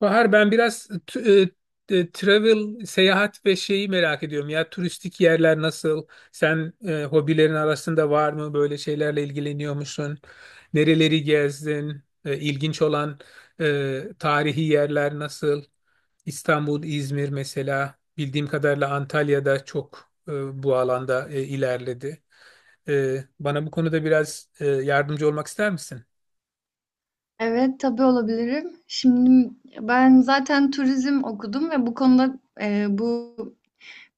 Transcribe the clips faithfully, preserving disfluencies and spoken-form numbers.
Bahar ben biraz t- e, e, travel, seyahat ve şeyi merak ediyorum. Ya turistik yerler nasıl? Sen e, hobilerin arasında var mı? Böyle şeylerle ilgileniyor musun? Nereleri gezdin? E, ilginç olan e, tarihi yerler nasıl? İstanbul, İzmir mesela. Bildiğim kadarıyla Antalya'da çok e, bu alanda e, ilerledi. E, bana bu konuda biraz e, yardımcı olmak ister misin? Evet, tabii olabilirim. Şimdi ben zaten turizm okudum ve bu konuda e, bu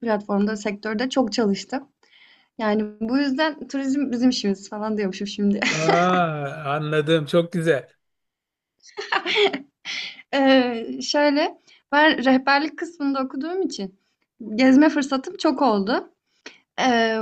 platformda, sektörde çok çalıştım. Yani bu yüzden turizm bizim işimiz falan diyormuşum şimdi. Aa, anladım. Çok güzel. E, şöyle, ben rehberlik kısmında okuduğum için gezme fırsatım çok oldu. E,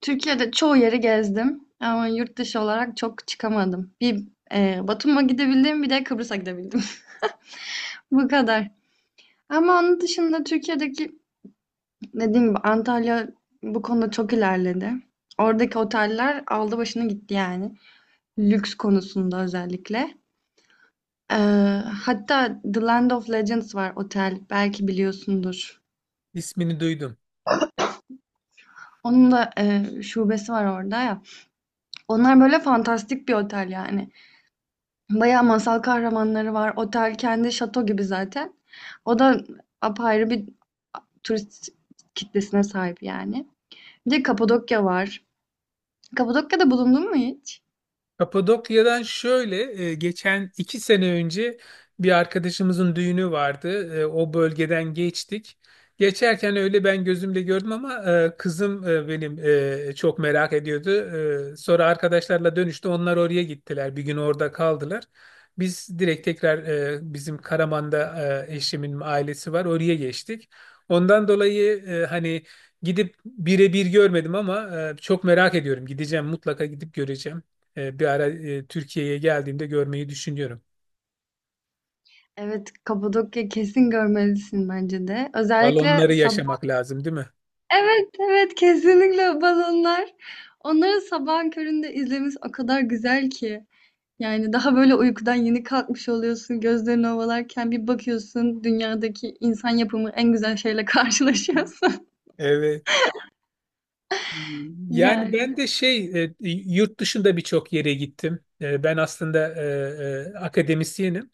Türkiye'de çoğu yeri gezdim ama yurt dışı olarak çok çıkamadım. Bir e, Batum'a gidebildim, bir de Kıbrıs'a gidebildim. Bu kadar. Ama onun dışında Türkiye'deki dediğim gibi Antalya bu konuda çok ilerledi. Oradaki oteller aldı başını gitti yani. Lüks konusunda özellikle. Ee, Hatta The Land of Legends var otel. Belki biliyorsundur. İsmini duydum. Onun da e, şubesi var orada ya. Onlar böyle fantastik bir otel yani. Bayağı masal kahramanları var. Otel kendi şato gibi zaten. O da apayrı bir turist kitlesine sahip yani. Bir de Kapadokya var. Kapadokya'da bulundun mu hiç? Kapadokya'dan şöyle e, geçen iki sene önce bir arkadaşımızın düğünü vardı. E, O bölgeden geçtik. Geçerken öyle ben gözümle gördüm ama e, kızım e, benim e, çok merak ediyordu. E, Sonra arkadaşlarla dönüşte onlar oraya gittiler. Bir gün orada kaldılar. Biz direkt tekrar e, bizim Karaman'da e, eşimin ailesi var. Oraya geçtik. Ondan dolayı e, hani gidip birebir görmedim ama e, çok merak ediyorum. Gideceğim, mutlaka gidip göreceğim. E, bir ara e, Türkiye'ye geldiğimde görmeyi düşünüyorum. Evet, Kapadokya kesin görmelisin bence de. Özellikle Balonları sabah. yaşamak lazım, değil mi? Evet, evet kesinlikle balonlar. Onları sabahın köründe izlemesi o kadar güzel ki. Yani daha böyle uykudan yeni kalkmış oluyorsun, gözlerini ovalarken bir bakıyorsun dünyadaki insan yapımı en güzel şeyle karşılaşıyorsun. Evet. Yani Yani. ben de şey e, yurt dışında birçok yere gittim. E, Ben aslında e, e, akademisyenim.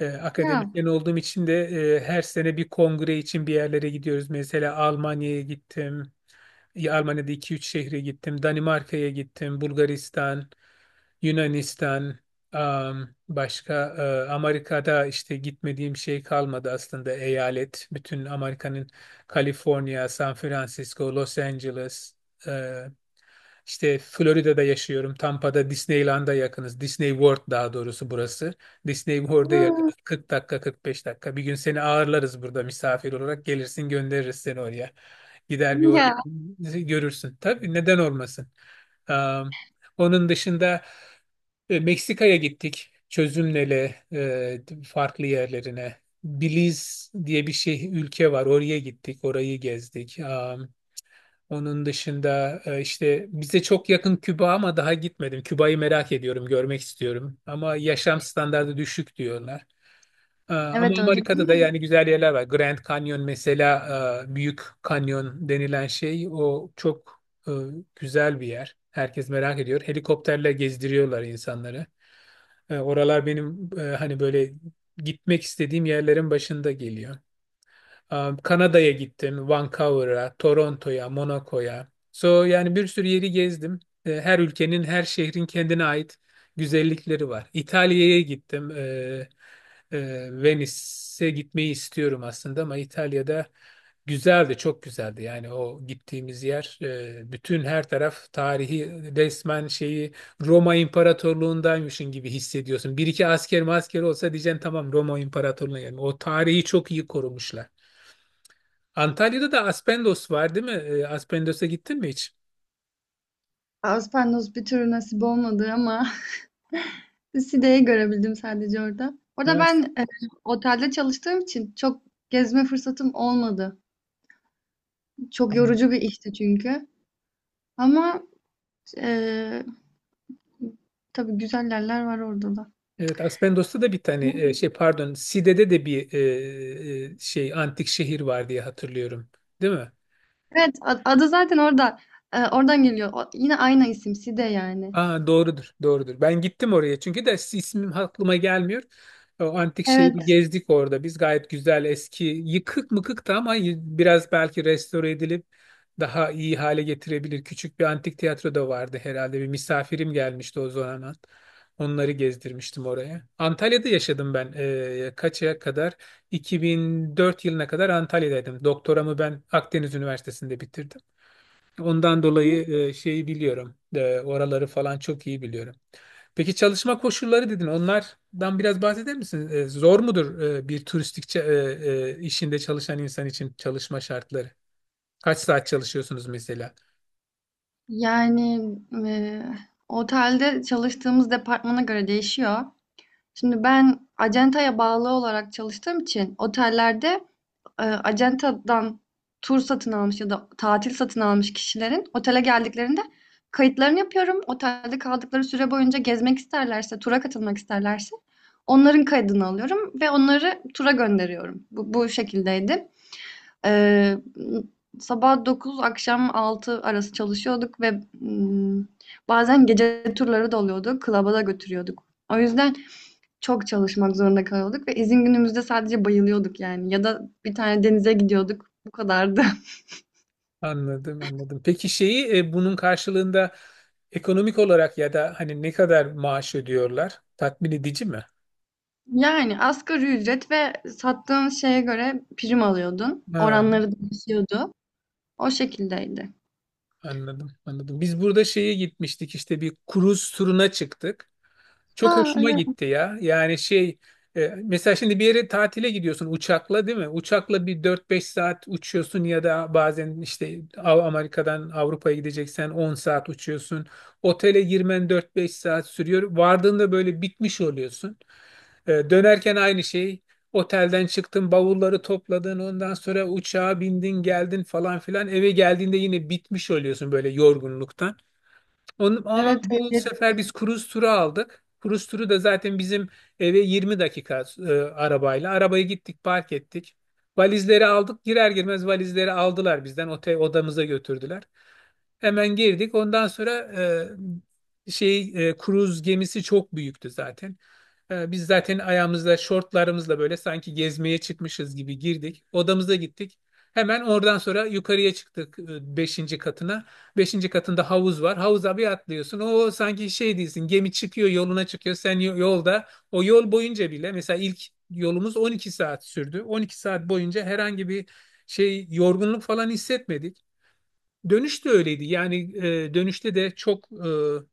E, Ya. Akademisyen olduğum için de e, her sene bir kongre için bir yerlere gidiyoruz. Mesela Almanya'ya gittim. Ya Almanya'da iki üç şehre gittim. Danimarka'ya gittim. Bulgaristan. Yunanistan, am, başka e, Amerika'da işte gitmediğim şey kalmadı aslında eyalet. Bütün Amerika'nın Kaliforniya, San Francisco, Los Angeles, e, işte Florida'da yaşıyorum. Tampa'da Disneyland'a yakınız. Disney World daha doğrusu burası. Disney World'a yakınız. kırk dakika, kırk beş dakika. Bir gün seni ağırlarız burada misafir olarak. Gelirsin, göndeririz seni oraya. Gider bir oranı Ya. görürsün. Tabii, neden olmasın. Am, Onun dışında e, Meksika'ya gittik. Çözümlele e, farklı yerlerine. Belize diye bir şey ülke var. Oraya gittik. Orayı gezdik. Am, onun dışında e, işte bize çok yakın Küba ama daha gitmedim. Küba'yı merak ediyorum, görmek istiyorum. Ama yaşam standardı düşük diyorlar. E, ama Evet öyle Amerika'da da değil. yani güzel yerler var. Grand Canyon mesela, e, Büyük Kanyon denilen şey o çok e, güzel bir yer. Herkes merak ediyor. Helikopterle gezdiriyorlar insanları. E, oralar benim e, hani böyle gitmek istediğim yerlerin başında geliyor. Um, Kanada'ya gittim, Vancouver'a, Toronto'ya, Monaco'ya. So yani bir sürü yeri gezdim. E, Her ülkenin, her şehrin kendine ait güzellikleri var. İtalya'ya gittim. E, e, Venice'e gitmeyi istiyorum aslında ama İtalya'da güzeldi, çok güzeldi. Yani o gittiğimiz yer, e, bütün her taraf tarihi, resmen şeyi Roma İmparatorluğundaymışın gibi hissediyorsun. Bir iki asker masker olsa diyeceksin tamam Roma İmparatorluğu'na geldim. O tarihi çok iyi korumuşlar. Antalya'da da Aspendos var değil mi? E, Aspendos'a gittin mi hiç? Aspernos bir türlü nasip olmadı ama Side'yi görebildim sadece orada. Orada Evet. ben e, otelde çalıştığım için çok gezme fırsatım olmadı. Çok Tamam. yorucu bir işti çünkü. Ama e, tabii güzel yerler var orada da. Evet, Aspendos'ta da bir tane e, şey, pardon, Side'de de bir e, e, şey antik şehir var diye hatırlıyorum. Değil mi? Evet, ad- adı zaten orada. E, oradan geliyor. O- yine aynı isim Side yani. Aa, doğrudur, doğrudur. Ben gittim oraya çünkü de ismim aklıma gelmiyor. O antik şehri Evet. gezdik orada. Biz gayet güzel, eski yıkık mıkıktı ama y- biraz belki restore edilip daha iyi hale getirebilir. Küçük bir antik tiyatro da vardı herhalde. Bir misafirim gelmişti o zaman. Onları gezdirmiştim oraya. Antalya'da yaşadım ben. Ee, kaça kadar? iki bin dört yılına kadar Antalya'daydım. Doktoramı ben Akdeniz Üniversitesi'nde bitirdim. Ondan dolayı e, şeyi biliyorum. E, oraları falan çok iyi biliyorum. Peki çalışma koşulları dedin. Onlardan biraz bahseder misin? E, zor mudur e, bir turistik ça- e, e, işinde çalışan insan için çalışma şartları? Kaç saat çalışıyorsunuz mesela? Yani e, otelde çalıştığımız departmana göre değişiyor. Şimdi ben acentaya bağlı olarak çalıştığım için otellerde eee, acentadan tur satın almış ya da tatil satın almış kişilerin otele geldiklerinde kayıtlarını yapıyorum. Otelde kaldıkları süre boyunca gezmek isterlerse, tura katılmak isterlerse onların kaydını alıyorum ve onları tura gönderiyorum. Bu, bu şekildeydi. Eee, Sabah dokuz, akşam altı arası çalışıyorduk ve mm, bazen gece turları da oluyordu. Klaba da götürüyorduk. O yüzden çok çalışmak zorunda kalıyorduk ve izin günümüzde sadece bayılıyorduk yani ya da bir tane denize gidiyorduk. Bu kadardı. Anladım, anladım. Peki şeyi e, bunun karşılığında ekonomik olarak ya da hani ne kadar maaş ödüyorlar? Tatmin edici mi? Yani asgari ücret ve sattığın şeye göre prim alıyordun. Ha, Oranları değişiyordu. O şekildeydi. anladım, anladım. Biz burada şeye gitmiştik, işte bir kruz turuna çıktık. Çok Ha hoşuma evet. gitti ya. Yani şey e, mesela şimdi bir yere tatile gidiyorsun uçakla, değil mi? Uçakla bir dört beş saat uçuyorsun ya da bazen işte Av- Amerika'dan Avrupa'ya gideceksen on saat uçuyorsun. Otele girmen dört beş saat sürüyor. Vardığında böyle bitmiş oluyorsun. E, Dönerken aynı şey. Otelden çıktın, bavulları topladın, ondan sonra uçağa bindin, geldin falan filan. Eve geldiğinde yine bitmiş oluyorsun böyle yorgunluktan. Onu, ama Evet, bu ehliyet. sefer biz cruise turu aldık. Cruise turu da zaten bizim eve yirmi dakika e, arabayla. Arabayı gittik, park ettik. Valizleri aldık. Girer girmez valizleri aldılar bizden. Otel odamıza götürdüler. Hemen girdik. Ondan sonra e, şey e, cruise gemisi çok büyüktü zaten. E, biz zaten ayağımızda şortlarımızla böyle sanki gezmeye çıkmışız gibi girdik. Odamıza gittik. Hemen oradan sonra yukarıya çıktık e, beşinci katına. Beşinci katında havuz var. Havuza bir atlıyorsun. O sanki şey değilsin. Gemi çıkıyor, yoluna çıkıyor. Sen yo- yolda o yol boyunca bile mesela ilk yolumuz on iki saat sürdü. On iki saat boyunca herhangi bir şey, yorgunluk falan hissetmedik. Dönüş de öyleydi. Yani e, dönüşte de çok e,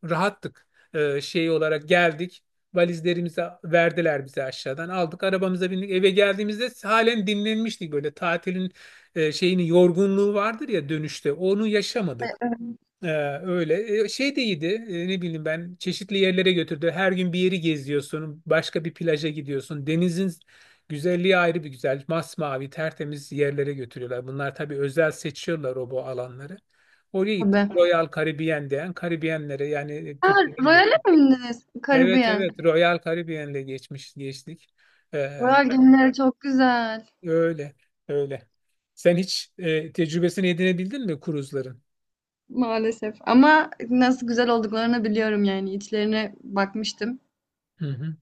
rahattık. E, şey olarak geldik. Valizlerimizi verdiler bize aşağıdan. Aldık, arabamıza bindik. Eve geldiğimizde halen dinlenmiştik, böyle tatilin e, şeyini, yorgunluğu vardır ya dönüşte, onu yaşamadık. Evet, Ee, öyle. Ee, şey de iyiydi. Ee, ne bileyim ben, çeşitli yerlere götürdü. Her gün bir yeri geziyorsun. Başka bir plaja gidiyorsun. Denizin güzelliği ayrı bir güzel. Masmavi, tertemiz yerlere götürüyorlar. Bunlar tabii özel seçiyorlar o bu alanları. Oraya gittik. tabii. Royal Caribbean diyen Karibiyenlere yani Ha, Türkiye'ye Royal'e gidiyorum. mi bindiniz? Evet Karibiyen. evet, Royal Caribbean'le geçmiş geçtik. Ee, Royal gemileri çok güzel. öyle öyle. Sen hiç e, tecrübesini edinebildin mi kruzların? Maalesef. Ama nasıl güzel olduklarını biliyorum yani. İçlerine bakmıştım. Hı hı.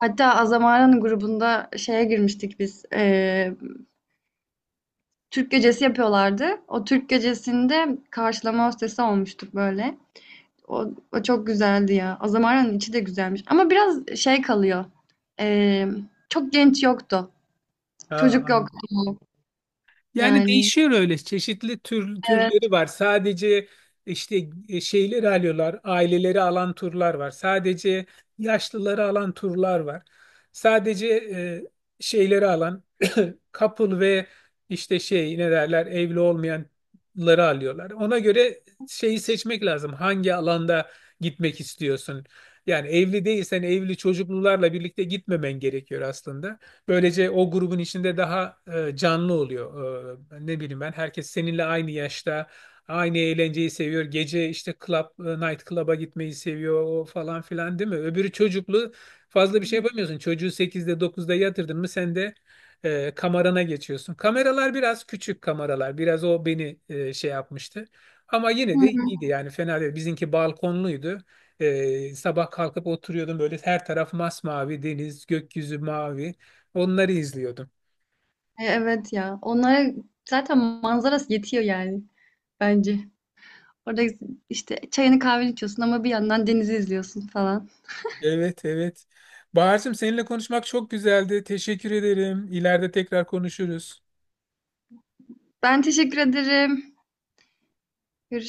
Hatta Azamara'nın grubunda şeye girmiştik biz. Eee Türk gecesi yapıyorlardı. O Türk gecesinde karşılama hostesi olmuştuk böyle. O, o çok güzeldi ya. O zamanın içi de güzelmiş. Ama biraz şey kalıyor. Ee, Çok genç yoktu. Ha, Çocuk yoktu. yani Yani. değişiyor öyle, çeşitli tür, türleri Evet. var. Sadece işte e, şeyleri alıyorlar, aileleri alan turlar var. Sadece yaşlıları alan turlar var. Sadece e, şeyleri alan couple ve işte şey ne derler, evli olmayanları alıyorlar. Ona göre şeyi seçmek lazım. Hangi alanda gitmek istiyorsun? Yani evli değilsen evli çocuklularla birlikte gitmemen gerekiyor aslında. Böylece o grubun içinde daha e, canlı oluyor. E, ne bileyim ben, herkes seninle aynı yaşta aynı eğlenceyi seviyor. Gece işte club, e, night club'a gitmeyi seviyor o falan filan, değil mi? Öbürü çocuklu, fazla bir şey yapamıyorsun. Çocuğu sekizde dokuzda yatırdın mı sen de e, kamerana geçiyorsun. Kameralar biraz küçük kameralar. Biraz o beni e, şey yapmıştı. Ama Hı yine de hı. iyiydi yani, fena değil. Bizimki balkonluydu. E, sabah kalkıp oturuyordum, böyle her taraf masmavi deniz, gökyüzü mavi. Onları izliyordum. E, Evet ya. Onlara zaten manzarası yetiyor yani. Bence. Orada işte çayını kahveni içiyorsun ama bir yandan denizi izliyorsun falan. Evet, evet. Bahar'cığım seninle konuşmak çok güzeldi. Teşekkür ederim. İleride tekrar konuşuruz. Ben teşekkür ederim. Görüşürüz.